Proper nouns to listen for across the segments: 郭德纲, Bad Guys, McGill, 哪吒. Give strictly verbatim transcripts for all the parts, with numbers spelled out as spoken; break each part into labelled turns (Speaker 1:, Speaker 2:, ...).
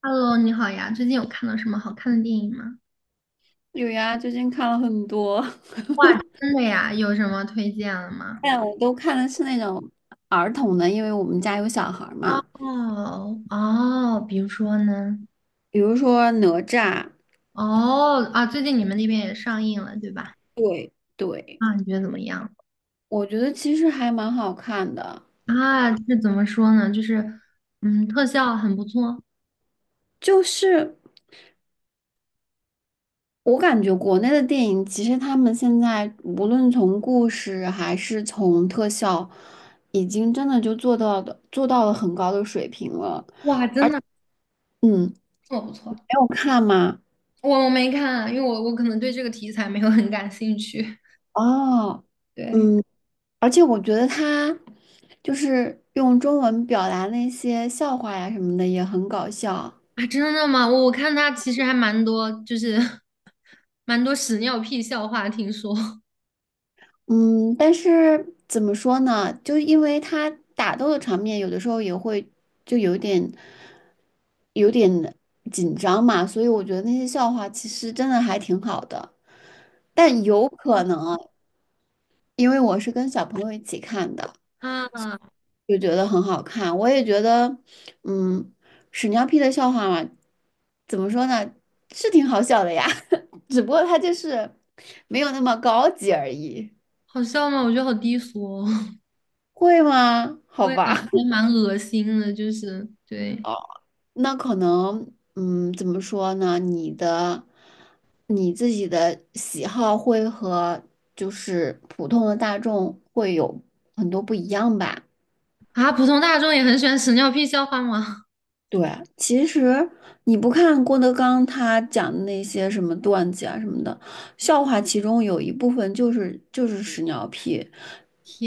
Speaker 1: Hello，你好呀，最近有看到什么好看的电影吗？
Speaker 2: 有呀，最近看了很多，
Speaker 1: 哇，真的呀，有什么推荐了吗？
Speaker 2: 但我都看的是那种儿童的，因为我们家有小孩儿
Speaker 1: 哦
Speaker 2: 嘛。
Speaker 1: 哦，比如说呢？
Speaker 2: 比如说哪吒，
Speaker 1: 哦啊，最近你们那边也上映了，对吧？
Speaker 2: 对对，
Speaker 1: 啊，你觉得怎么样？
Speaker 2: 我觉得其实还蛮好看的。
Speaker 1: 啊，这怎么说呢？就是嗯，特效很不错。
Speaker 2: 就是我感觉国内的电影，其实他们现在无论从故事还是从特效，已经真的就做到的做到了很高的水平了。
Speaker 1: 哇，真的
Speaker 2: 嗯，
Speaker 1: 这么不错，
Speaker 2: 没有看吗？
Speaker 1: 我我没看，因为我我可能对这个题材没有很感兴趣。
Speaker 2: 哦。
Speaker 1: 对
Speaker 2: 嗯。而且我觉得他就是用中文表达那些笑话呀什么的也很搞笑。
Speaker 1: 啊，真的吗？我我看他其实还蛮多，就是 蛮多屎尿屁笑话，听说。
Speaker 2: 嗯，但是怎么说呢？就因为他打斗的场面有的时候也会就有点有点紧张嘛，所以我觉得那些笑话其实真的还挺好的。但 有可能，因为我是跟小朋友一起看的。
Speaker 1: 啊。
Speaker 2: 就觉得很好看。我也觉得，嗯，屎尿屁的笑话嘛，怎么说呢，是挺好笑的呀，只不过它就是没有那么高级而已。
Speaker 1: 好笑吗？我觉得好低俗哦，
Speaker 2: 会吗？好
Speaker 1: 我也觉
Speaker 2: 吧，
Speaker 1: 得蛮恶心的，就是对
Speaker 2: 那可能，嗯，怎么说呢？你的你自己的喜好会和就是普通的大众会有很多不一样吧。
Speaker 1: 啊，普通大众也很喜欢屎尿屁笑话吗？
Speaker 2: 对，其实你不看郭德纲他讲的那些什么段子啊什么的，笑话其中有一部分就是就是屎尿屁，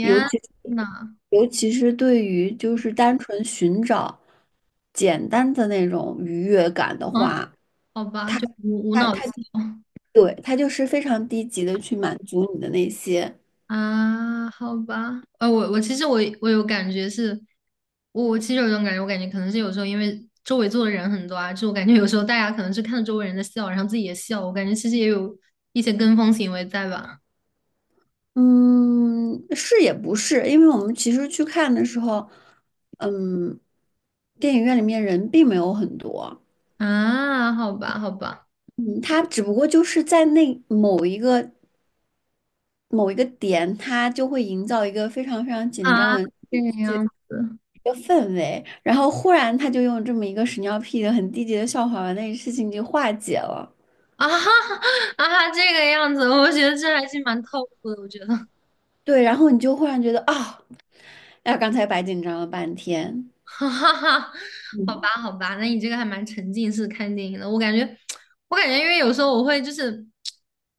Speaker 2: 尤其
Speaker 1: 呐，
Speaker 2: 尤其是对于就是单纯寻找简单的那种愉悦感的
Speaker 1: 啊，
Speaker 2: 话，
Speaker 1: 好吧，
Speaker 2: 他
Speaker 1: 就无无
Speaker 2: 他
Speaker 1: 脑
Speaker 2: 他
Speaker 1: 笑
Speaker 2: 对他就是非常低级的去满足你的那些。
Speaker 1: 啊，好吧，呃，我我其实我我有感觉是，我我其实有一种感觉，我感觉可能是有时候因为周围坐的人很多啊，就我感觉有时候大家可能是看着周围人在笑，然后自己也笑，我感觉其实也有一些跟风行为在吧？
Speaker 2: 嗯，是也不是，因为我们其实去看的时候，嗯，电影院里面人并没有很多，
Speaker 1: 啊，好吧，好吧，
Speaker 2: 嗯，他只不过就是在那某一个某一个点，他就会营造一个非常非常紧张
Speaker 1: 啊，
Speaker 2: 的
Speaker 1: 这
Speaker 2: 一
Speaker 1: 个样子。
Speaker 2: 个氛围，然后忽然他就用这么一个屎尿屁的很低级的笑话把那个事情给化解了。
Speaker 1: 啊哈哈啊哈，这个样子，我觉得这还是蛮透苦的。我觉得，
Speaker 2: 对，然后你就忽然觉得啊，哎呀刚才白紧张了半天。
Speaker 1: 哈哈哈，好
Speaker 2: 嗯，
Speaker 1: 吧，好吧，那你这个还蛮沉浸式看电影的。我感觉，我感觉，因为有时候我会就是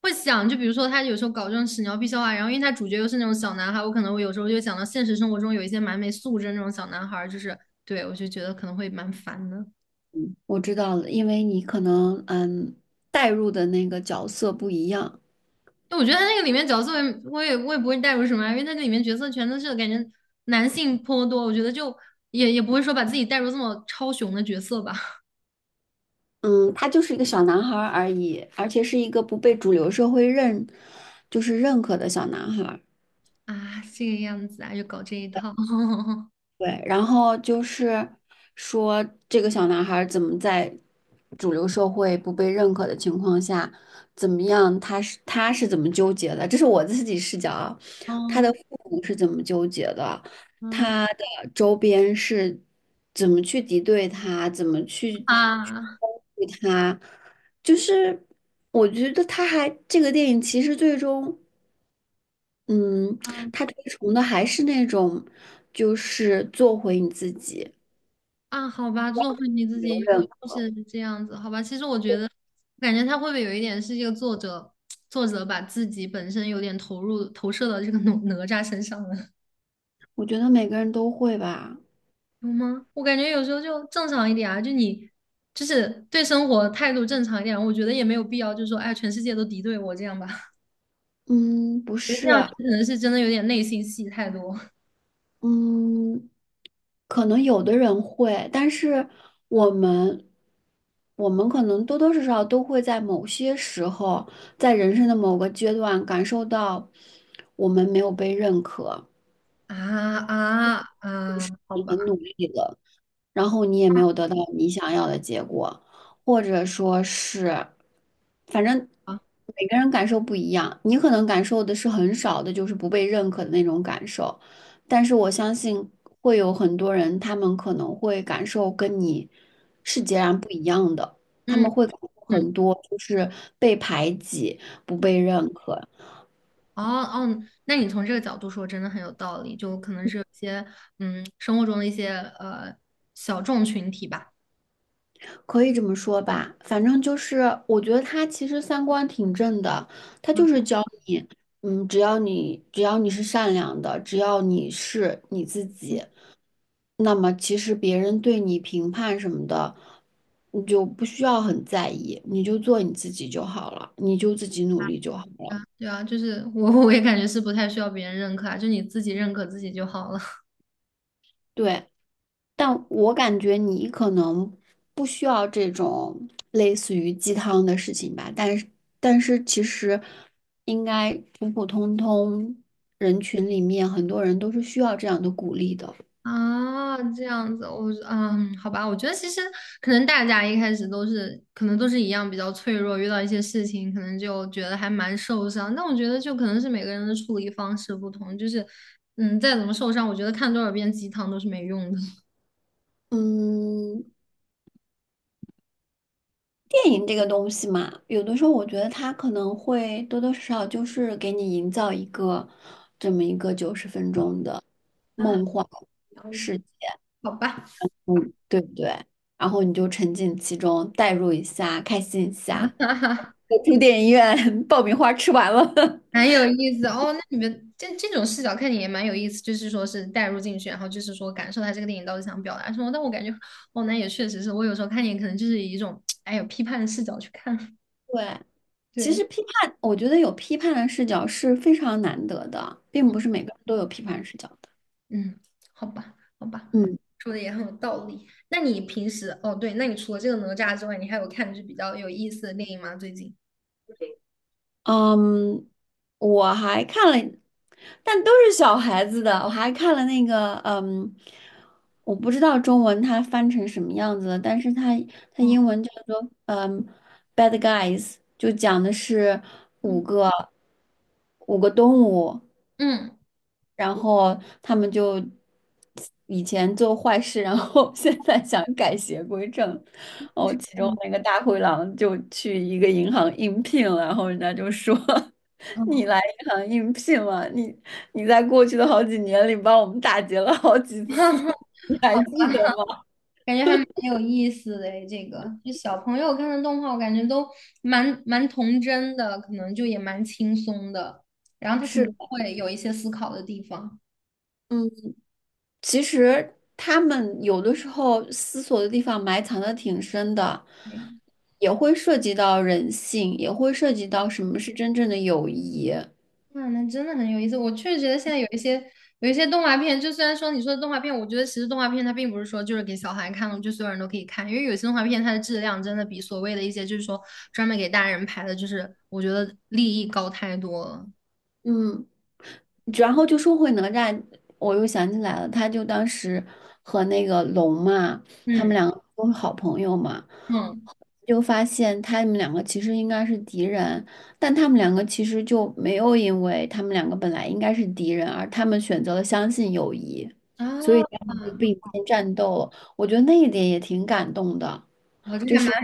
Speaker 1: 会想，就比如说他有时候搞这种屎尿屁笑话，然后因为他主角又是那种小男孩，我可能我有时候就想到现实生活中有一些蛮没素质的那种小男孩儿就是对我就觉得可能会蛮烦的。
Speaker 2: 我知道了，因为你可能嗯带入的那个角色不一样。
Speaker 1: 我觉得他那个里面角色我也，我也我也不会带入什么啊因为他那里面角色全都是感觉男性颇多，我觉得就也也不会说把自己带入这么超雄的角色吧。
Speaker 2: 嗯，他就是一个小男孩儿而已，而且是一个不被主流社会认，就是认可的小男孩儿。
Speaker 1: 啊，这个样子啊，就搞这一套。
Speaker 2: 对，然后就是说，这个小男孩儿怎么在主流社会不被认可的情况下，怎么样？他是他是怎么纠结的？这是我自己视角啊，他
Speaker 1: 嗯
Speaker 2: 的父母是怎么纠结的？
Speaker 1: 嗯
Speaker 2: 他的周边是怎么去敌对他？怎么去去
Speaker 1: 啊
Speaker 2: 攻击他？就是我觉得他还这个电影其实最终。嗯，
Speaker 1: 嗯
Speaker 2: 他推崇的还是那种，就是做回你自己，
Speaker 1: 啊，好吧，做回你自
Speaker 2: 留
Speaker 1: 己，又
Speaker 2: 人
Speaker 1: 又是这样子，好吧。其实我觉得，我感觉他会不会有一点是这个作者作者把自己本身有点投入投射到这个哪哪吒身上了？
Speaker 2: 我觉得每个人都会吧。
Speaker 1: 有吗？我感觉有时候就正常一点啊，就你就是对生活态度正常一点，我觉得也没有必要，就是说，哎，全世界都敌对我这样吧，
Speaker 2: 嗯，不是，
Speaker 1: 可能是真的有点内心戏太多
Speaker 2: 嗯，可能有的人会，但是我们，我们可能多多少少都会在某些时候，在人生的某个阶段感受到我们没有被认可，
Speaker 1: 啊啊啊，好
Speaker 2: 你
Speaker 1: 吧，
Speaker 2: 很努力了。然后你也没有得到你想要的结果，或者说是，反正
Speaker 1: 啊，
Speaker 2: 每个人感受不一样，你可能感受的是很少的，就是不被认可的那种感受，但是我相信会有很多人，他们可能会感受跟你是截然不一样的，他们
Speaker 1: 嗯
Speaker 2: 会感受
Speaker 1: 嗯，
Speaker 2: 很多就是被排挤、不被认可。
Speaker 1: 哦哦，那你从这个角度说，真的很有道理，就可能是有一些嗯生活中的一些呃小众群体吧，
Speaker 2: 可以这么说吧，反正就是我觉得他其实三观挺正的，他就是教你，嗯，只要你只要你是善良的，只要你是你自
Speaker 1: 嗯，
Speaker 2: 己，那么其实别人对你评判什么的，你就不需要很在意，你就做你自己就好了，你就自己努力就好了。
Speaker 1: 对啊，就是我 我也感觉是不太需要别人认可啊，就你自己认可自己就好了。
Speaker 2: 对，但我感觉你可能不需要这种类似于鸡汤的事情吧，但是但是其实应该普普通通人群里面很多人都是需要这样的鼓励的。
Speaker 1: 啊，这样子，我嗯，好吧，我觉得其实可能大家一开始都是，可能都是一样比较脆弱，遇到一些事情，可能就觉得还蛮受伤。但我觉得就可能是每个人的处理方式不同，就是嗯，再怎么受伤，我觉得看多少遍鸡汤都是没用的。
Speaker 2: 嗯，电影这个东西嘛，有的时候我觉得它可能会多多少少就是给你营造一个这么一个九十分钟的
Speaker 1: 啊，
Speaker 2: 梦幻世界，
Speaker 1: 好吧，
Speaker 2: 嗯，对不对？然后你就沉浸其中，代入一下，开心一 下。
Speaker 1: 哈哈。
Speaker 2: 我住电影院，爆米花吃完了。
Speaker 1: 蛮有意思的哦。那你们这这种视角看你也蛮有意思，就是说是带入进去，然后就是说感受他这个电影到底想表达什么。但我感觉，哦，那也确实是我有时候看你可能就是以一种哎有批判的视角去看。
Speaker 2: 对，其
Speaker 1: 对，
Speaker 2: 实批判，我觉得有批判的视角是非常难得的，并不是每个人都有批判视角的。
Speaker 1: 嗯，好吧，好吧，
Speaker 2: 嗯
Speaker 1: 说的也很有道理。那你平时哦，对，那你除了这个哪吒之外，你还有看就是比较有意思的电影吗？最近？
Speaker 2: 嗯，我还看了，但都是小孩子的，我还看了那个，嗯，我不知道中文它翻成什么样子了，但是它它
Speaker 1: 哦
Speaker 2: 英文叫做嗯，Bad Guys，就讲的是
Speaker 1: 嗯
Speaker 2: 五个五个动物，
Speaker 1: 嗯，
Speaker 2: 然后他们就以前做坏事，然后 现在想改邪归正。哦，其中
Speaker 1: 嗯
Speaker 2: 那个大灰狼就去一个银行应聘了，然后人家就说：
Speaker 1: 嗯。
Speaker 2: 你来银行应聘了，你你在过去的好几年里帮我们打劫了好几次，你还记得吗？
Speaker 1: 感觉还蛮有意思的诶，这个就小朋友看的动画，我感觉都蛮蛮童真的，可能就也蛮轻松的，然后他可
Speaker 2: 是
Speaker 1: 能
Speaker 2: 的，
Speaker 1: 会有一些思考的地方。
Speaker 2: 嗯。其实他们有的时候思索的地方埋藏的挺深的，
Speaker 1: 嗯，
Speaker 2: 也会涉及到人性，也会涉及到什么是真正的友谊。
Speaker 1: 那那真的很有意思。我确实觉得现在有一些有一些动画片，就虽然说你说的动画片，我觉得其实动画片它并不是说就是给小孩看的，就所有人都可以看，因为有些动画片它的质量真的比所谓的一些就是说专门给大人拍的，就是我觉得利益高太多了。
Speaker 2: 嗯，然后就说回哪吒，我又想起来了，他就当时和那个龙嘛，他们
Speaker 1: 嗯
Speaker 2: 两个都是好朋友嘛。
Speaker 1: 嗯
Speaker 2: 就发现他们两个其实应该是敌人，但他们两个其实就没有因为他们两个本来应该是敌人，而他们选择了相信友谊，
Speaker 1: 啊，
Speaker 2: 所以他们就并肩战斗了我觉得那一点也挺感动的，
Speaker 1: 我这
Speaker 2: 就
Speaker 1: 还蛮。
Speaker 2: 是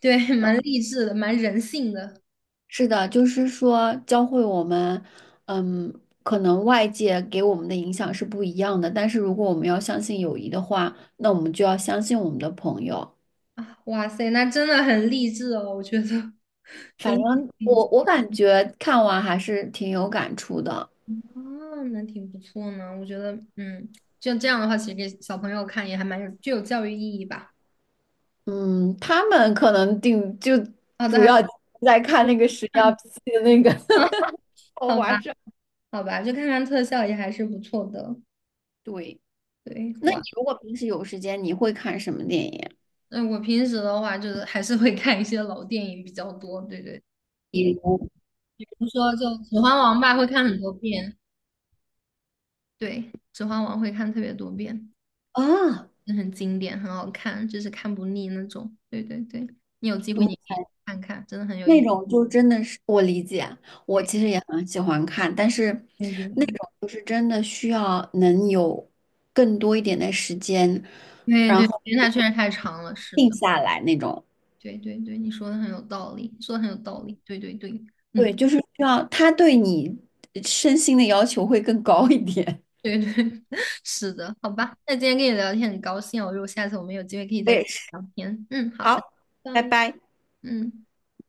Speaker 1: 对，蛮励志的，蛮人性的
Speaker 2: 是的，就是说教会我们，嗯，可能外界给我们的影响是不一样的，但是如果我们要相信友谊的话，那我们就要相信我们的朋友。
Speaker 1: 啊！哇塞，那真的很励志哦，我觉得
Speaker 2: 反
Speaker 1: 真的
Speaker 2: 正我我感觉看完还是挺有感触的。
Speaker 1: 啊，那挺不错呢。我觉得，嗯，就这样的话，其实给小朋友看也还蛮有具有教育意义吧。
Speaker 2: 嗯，他们可能定就
Speaker 1: 好的，
Speaker 2: 主
Speaker 1: 还
Speaker 2: 要在看那个屎尿
Speaker 1: 看
Speaker 2: 屁的那个 豪
Speaker 1: 好
Speaker 2: 华
Speaker 1: 吧，
Speaker 2: 上
Speaker 1: 好吧，就看看特效也还是不错的。
Speaker 2: 对，
Speaker 1: 对，
Speaker 2: 那你
Speaker 1: 哇，
Speaker 2: 如果平时有时间，你会看什么电影？
Speaker 1: 那我平时的话就是还是会看一些老电影比较多。对对，比
Speaker 2: 比如
Speaker 1: 如说就《指环王》吧，会看很多遍。对，《指环王》会看特别多遍。
Speaker 2: 啊，
Speaker 1: 是很经典，很好看，就是看不腻那种。对对对，你有机会你可
Speaker 2: 嗯
Speaker 1: 以看看，真的很有
Speaker 2: 那
Speaker 1: 意思。
Speaker 2: 种就真的是我理解，我
Speaker 1: 对
Speaker 2: 其实也很喜欢看，但是
Speaker 1: 对对，
Speaker 2: 就是真的需要能有更多一点的时间，
Speaker 1: 对
Speaker 2: 然
Speaker 1: 对，
Speaker 2: 后
Speaker 1: 因为它确实太长了。是
Speaker 2: 定
Speaker 1: 的，
Speaker 2: 下来那种。
Speaker 1: 对对对，你说的很有道理，说的很有道理。对对对，嗯，
Speaker 2: 对，就是需要他对你身心的要求会更高一点。
Speaker 1: 对对，是的，好吧。那今天跟你聊天很高兴哦，如果下次我们有机会可以
Speaker 2: 我
Speaker 1: 再
Speaker 2: 也是。
Speaker 1: 聊天。嗯，好的，
Speaker 2: 好，
Speaker 1: 拜。
Speaker 2: 拜拜。
Speaker 1: 嗯。